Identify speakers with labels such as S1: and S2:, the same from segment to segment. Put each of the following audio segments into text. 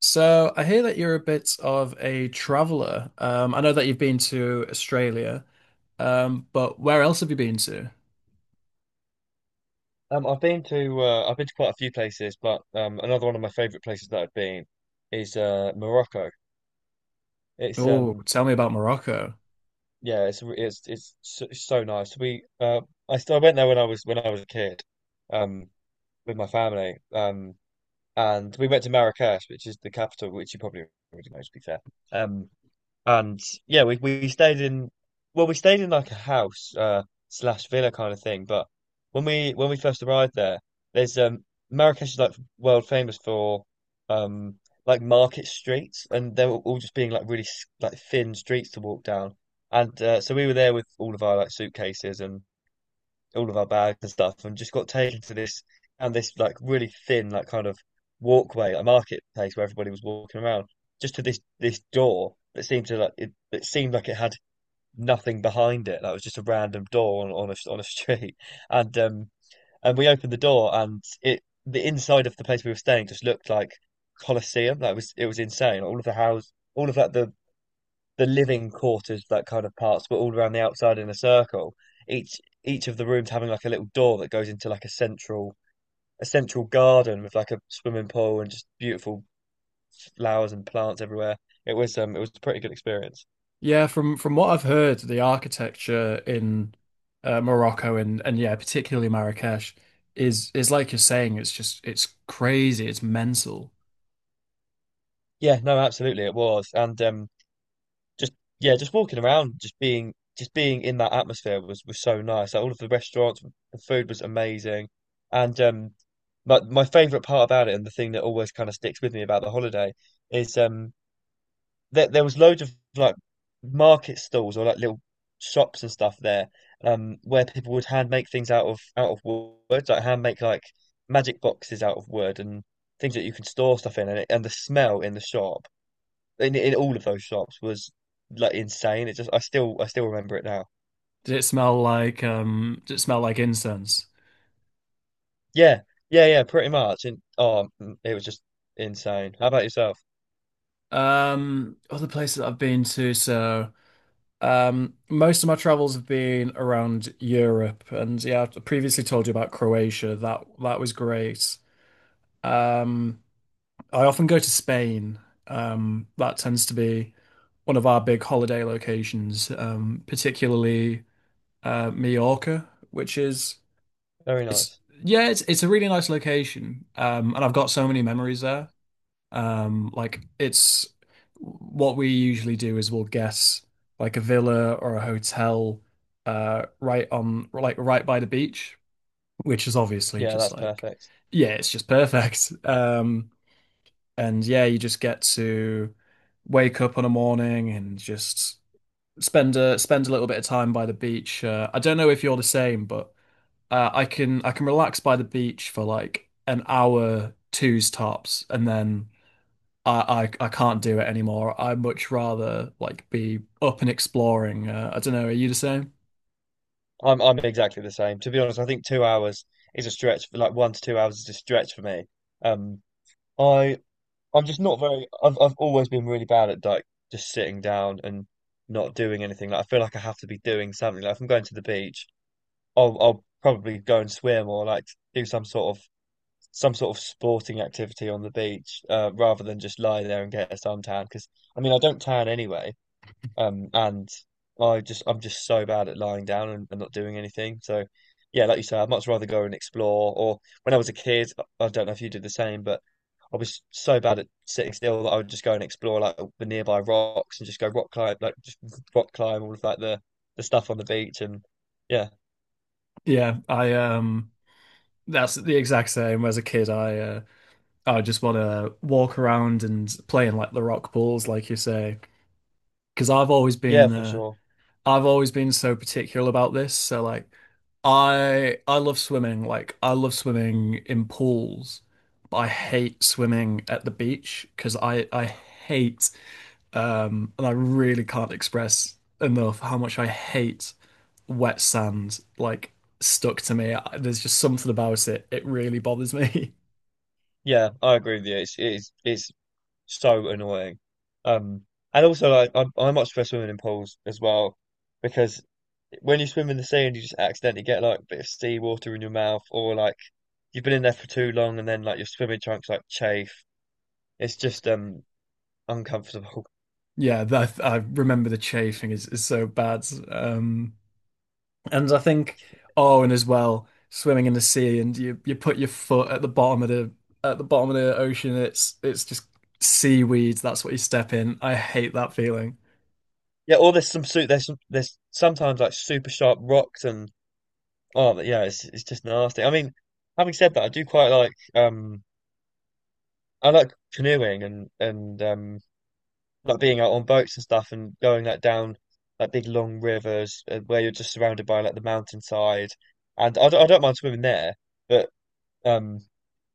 S1: So I hear that you're a bit of a traveler. I know that you've been to Australia, but where else have you been to?
S2: I've been to quite a few places, but another one of my favorite places that I've been is Morocco. It's
S1: Oh, tell me about Morocco.
S2: Yeah, it's so, so nice. We I st I went there when I was a kid, um, with my family, and we went to Marrakesh, which is the capital, which you probably already know, to be fair. Um, And yeah, we stayed in like a house, slash villa kind of thing. But when we first arrived there, there's Marrakesh is like world famous for um like market streets, and they were all just being like really like thin streets to walk down. And so we were there with all of our like suitcases and all of our bags and stuff, and just got taken to this, and this like really thin like kind of walkway, a marketplace where everybody was walking around, just to this door that seemed to like it seemed like it had nothing behind it. That was just a random door on a street, and and we opened the door and it the inside of the place we were staying just looked like Colosseum. That was It was insane. All of the house, all of like the living quarters, like kind of parts, but all around the outside in a circle. Each of the rooms having like a little door that goes into like a central garden with like a swimming pool and just beautiful flowers and plants everywhere. It was a pretty good experience.
S1: Yeah, from what I've heard, the architecture in Morocco and yeah, particularly Marrakesh is like you're saying. It's just it's crazy. It's mental.
S2: Yeah, no, absolutely it was. And just, yeah, just walking around, just being in that atmosphere was so nice. Like, all of the restaurants, the food was amazing. And my favorite part about it, and the thing that always kind of sticks with me about the holiday, is there was loads of like market stalls or like little shops and stuff there, where people would hand make things out of wood, like hand make like magic boxes out of wood and things that you can store stuff in. And the smell in the shop, in all of those shops was like insane. It just I still remember it now.
S1: Did it smell like Did it smell like incense?
S2: Yeah, yeah, yeah, pretty much. And oh, it was just insane. How about yourself?
S1: Other places that I've been to, so. Most of my travels have been around Europe, and yeah, I previously told you about Croatia. That was great. Um, I often go to Spain. That tends to be one of our big holiday locations, particularly Mallorca, which is
S2: Very
S1: it's
S2: nice.
S1: yeah, it's a really nice location, and I've got so many memories there. Like it's what we usually do is we'll guess like a villa or a hotel, right on like right by the beach, which is obviously
S2: Yeah,
S1: just
S2: that's
S1: like,
S2: perfect.
S1: yeah, it's just perfect. And yeah, you just get to wake up on a morning and just spend a little bit of time by the beach. I don't know if you're the same, but I can relax by the beach for like an hour, two's tops, and then. I can't do it anymore. I much rather like be up and exploring. I don't know. Are you the same?
S2: I'm exactly the same. To be honest, I think two hours is a stretch for like 1 to 2 hours is a stretch for me. Um, I I'm just not very. I've always been really bad at like just sitting down and not doing anything. Like, I feel like I have to be doing something. Like, if I'm going to the beach, I'll probably go and swim or like do some sort of sporting activity on the beach, rather than just lie there and get a suntan. Because I mean, I don't tan anyway, and I'm just so bad at lying down and not doing anything. So yeah, like you say, I'd much rather go and explore. Or when I was a kid, I don't know if you did the same, but I was so bad at sitting still that I would just go and explore like the nearby rocks and just go rock climb, like just rock climb all of like the stuff on the beach and yeah,
S1: Yeah, I that's the exact same. As a kid, I just want to walk around and play in like the rock pools, like you say, because
S2: yeah, for sure.
S1: I've always been so particular about this. So like I love swimming. Like I love swimming in pools, but I hate swimming at the beach because I hate. And I really can't express enough how much I hate wet sand, like stuck to me. There's just something about it. It really bothers me.
S2: Yeah, I agree with you. It's so annoying. Um, and also, like, I much prefer swimming in pools as well, because when you swim in the sea and you just accidentally get like a bit of seawater in your mouth, or like you've been in there for too long and then like your swimming trunks like chafe. It's just uncomfortable.
S1: Yeah, that I remember the chafing is so bad. And I think, oh, and as well, swimming in the sea and you put your foot at the bottom of the bottom of the ocean. It's just seaweed. That's what you step in. I hate that feeling.
S2: Yeah, or there's some suit. There's some, there's sometimes like super sharp rocks, and oh yeah, it's just nasty. I mean, having said that, I do quite like, I like canoeing, and like being out on boats and stuff, and going like down like big long rivers, where you're just surrounded by like the mountainside. And I don't mind swimming there, but Um,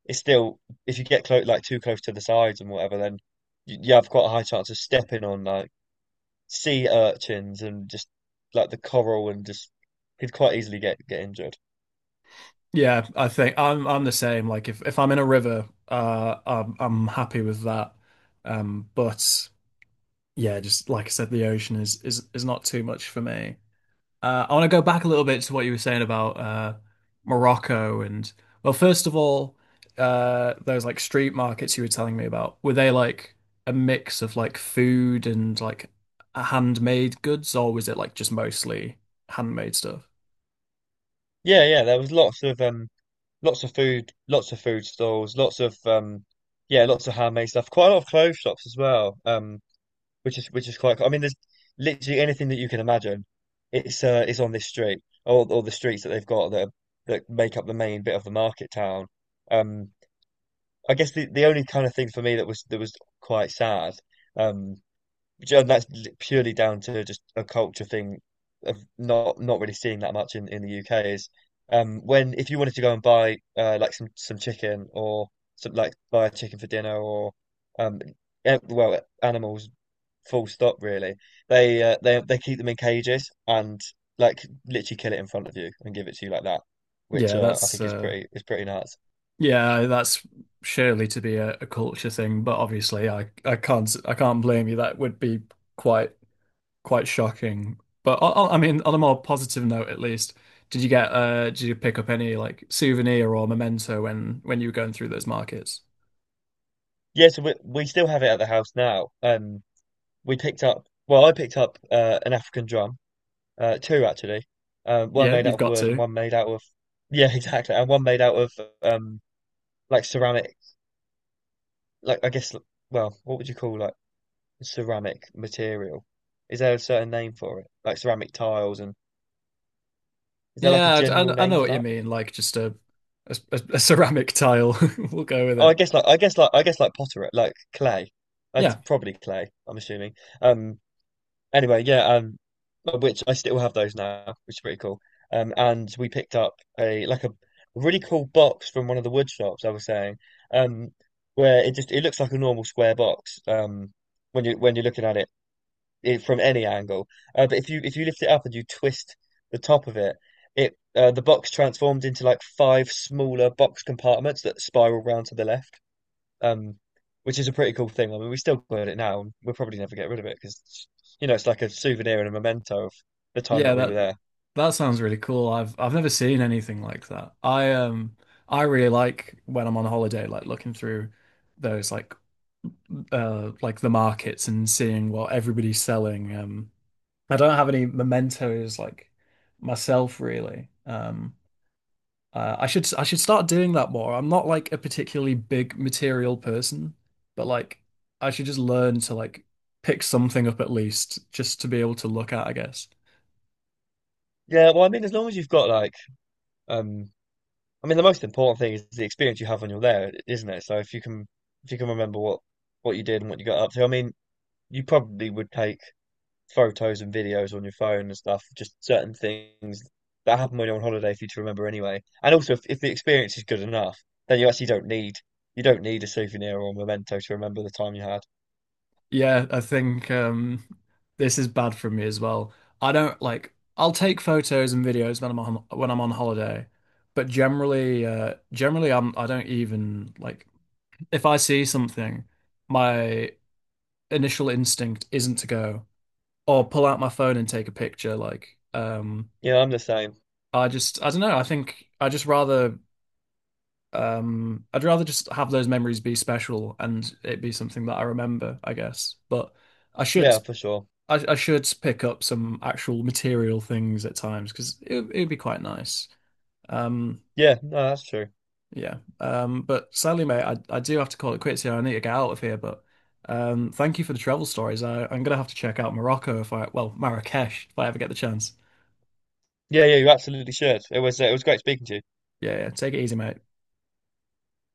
S2: it's still, if you get close, like too close to the sides and whatever, then you have quite a high chance of stepping on like sea urchins and just like the coral, and just could quite easily get injured.
S1: Yeah, I think I'm the same. Like if I'm in a river, I'm happy with that. But yeah, just like I said, the ocean is not too much for me. I want to go back a little bit to what you were saying about Morocco and well, first of all, those like street markets you were telling me about, were they like a mix of like food and like handmade goods, or was it like just mostly handmade stuff?
S2: Yeah, yeah, there was lots of food stalls, lots of yeah, lots of handmade stuff, quite a lot of clothes shops as well. Which is quite cool. I mean, there's literally anything that you can imagine. It's on this street or the streets that they've got, that make up the main bit of the market town. Um, I guess the only kind of thing for me that was quite sad, um, and that's purely down to just a culture thing of not really seeing that much in the UK, is when, if you wanted to go and buy, like some chicken, or some like buy a chicken for dinner, or um well, animals, full stop, really. They keep them in cages and like literally kill it in front of you and give it to you like that, which
S1: Yeah,
S2: I think is pretty nuts.
S1: That's surely to be a culture thing, but obviously I can't blame you. That would be quite quite shocking. But I mean, on a more positive note, at least, did you get did you pick up any like souvenir or memento when you were going through those markets?
S2: Yeah, so we still have it at the house now. We picked up well, I picked up, an African drum, two actually, one
S1: Yeah,
S2: made out
S1: you've
S2: of
S1: got
S2: wood and
S1: to.
S2: one made out of, yeah, exactly, and one made out of um like ceramic, like, I guess, well, what would you call like ceramic material? Is there a certain name for it? Like ceramic tiles, and... Is there like a
S1: Yeah, I,
S2: general
S1: I I
S2: name
S1: know
S2: for
S1: what you
S2: that?
S1: mean. Like just a, a ceramic tile. We'll go with
S2: Oh, I
S1: it.
S2: guess like, I guess like potter, like clay. That's
S1: Yeah.
S2: probably clay, I'm assuming. Um anyway, yeah, which, I still have those now, which is pretty cool. And we picked up a, like, a really cool box from one of the wood shops I was saying. Um where it looks like a normal square box, when you're looking at it, from any angle. But if you lift it up and you twist the top of it, the box transforms into like five smaller box compartments that spiral round to the left, um, which is a pretty cool thing. I mean, we still got it now, and we'll probably never get rid of it, because it's like a souvenir and a memento of the time
S1: Yeah,
S2: that we were
S1: that
S2: there.
S1: that sounds really cool. I've never seen anything like that. I I really like when I'm on holiday, like looking through those like the markets and seeing what everybody's selling. I don't have any mementos like myself really. I should start doing that more. I'm not like a particularly big material person, but like I should just learn to like pick something up at least just to be able to look at, I guess.
S2: Yeah, well, I mean, as long as you've got, like, um, I mean, the most important thing is the experience you have when you're there, isn't it? So if you can remember what you did and what you got up to, I mean, you probably would take photos and videos on your phone and stuff, just certain things that happen when you're on holiday for you to remember anyway. And also, if the experience is good enough, then you actually don't need, you don't need a souvenir or a memento to remember the time you had.
S1: Yeah, I think this is bad for me as well. I don't like. I'll take photos and videos when I'm on holiday, but generally, I don't even like if I see something, my initial instinct isn't to go or pull out my phone and take a picture. Like,
S2: Yeah, I'm the same.
S1: I just I don't know. I think I just rather I'd rather just have those memories be special and it be something that I remember, I guess. But I
S2: Yeah,
S1: should.
S2: for sure.
S1: I should pick up some actual material things at times because it would be quite nice. Um,
S2: Yeah, no, that's true.
S1: yeah. But sadly, mate, I do have to call it quits here. I need to get out of here. But thank you for the travel stories. I, I'm gonna have to check out Morocco if I, well, Marrakesh if I ever get the chance.
S2: Yeah, yeah, you absolutely should. It was great speaking to you.
S1: Yeah, yeah. Take it easy, mate.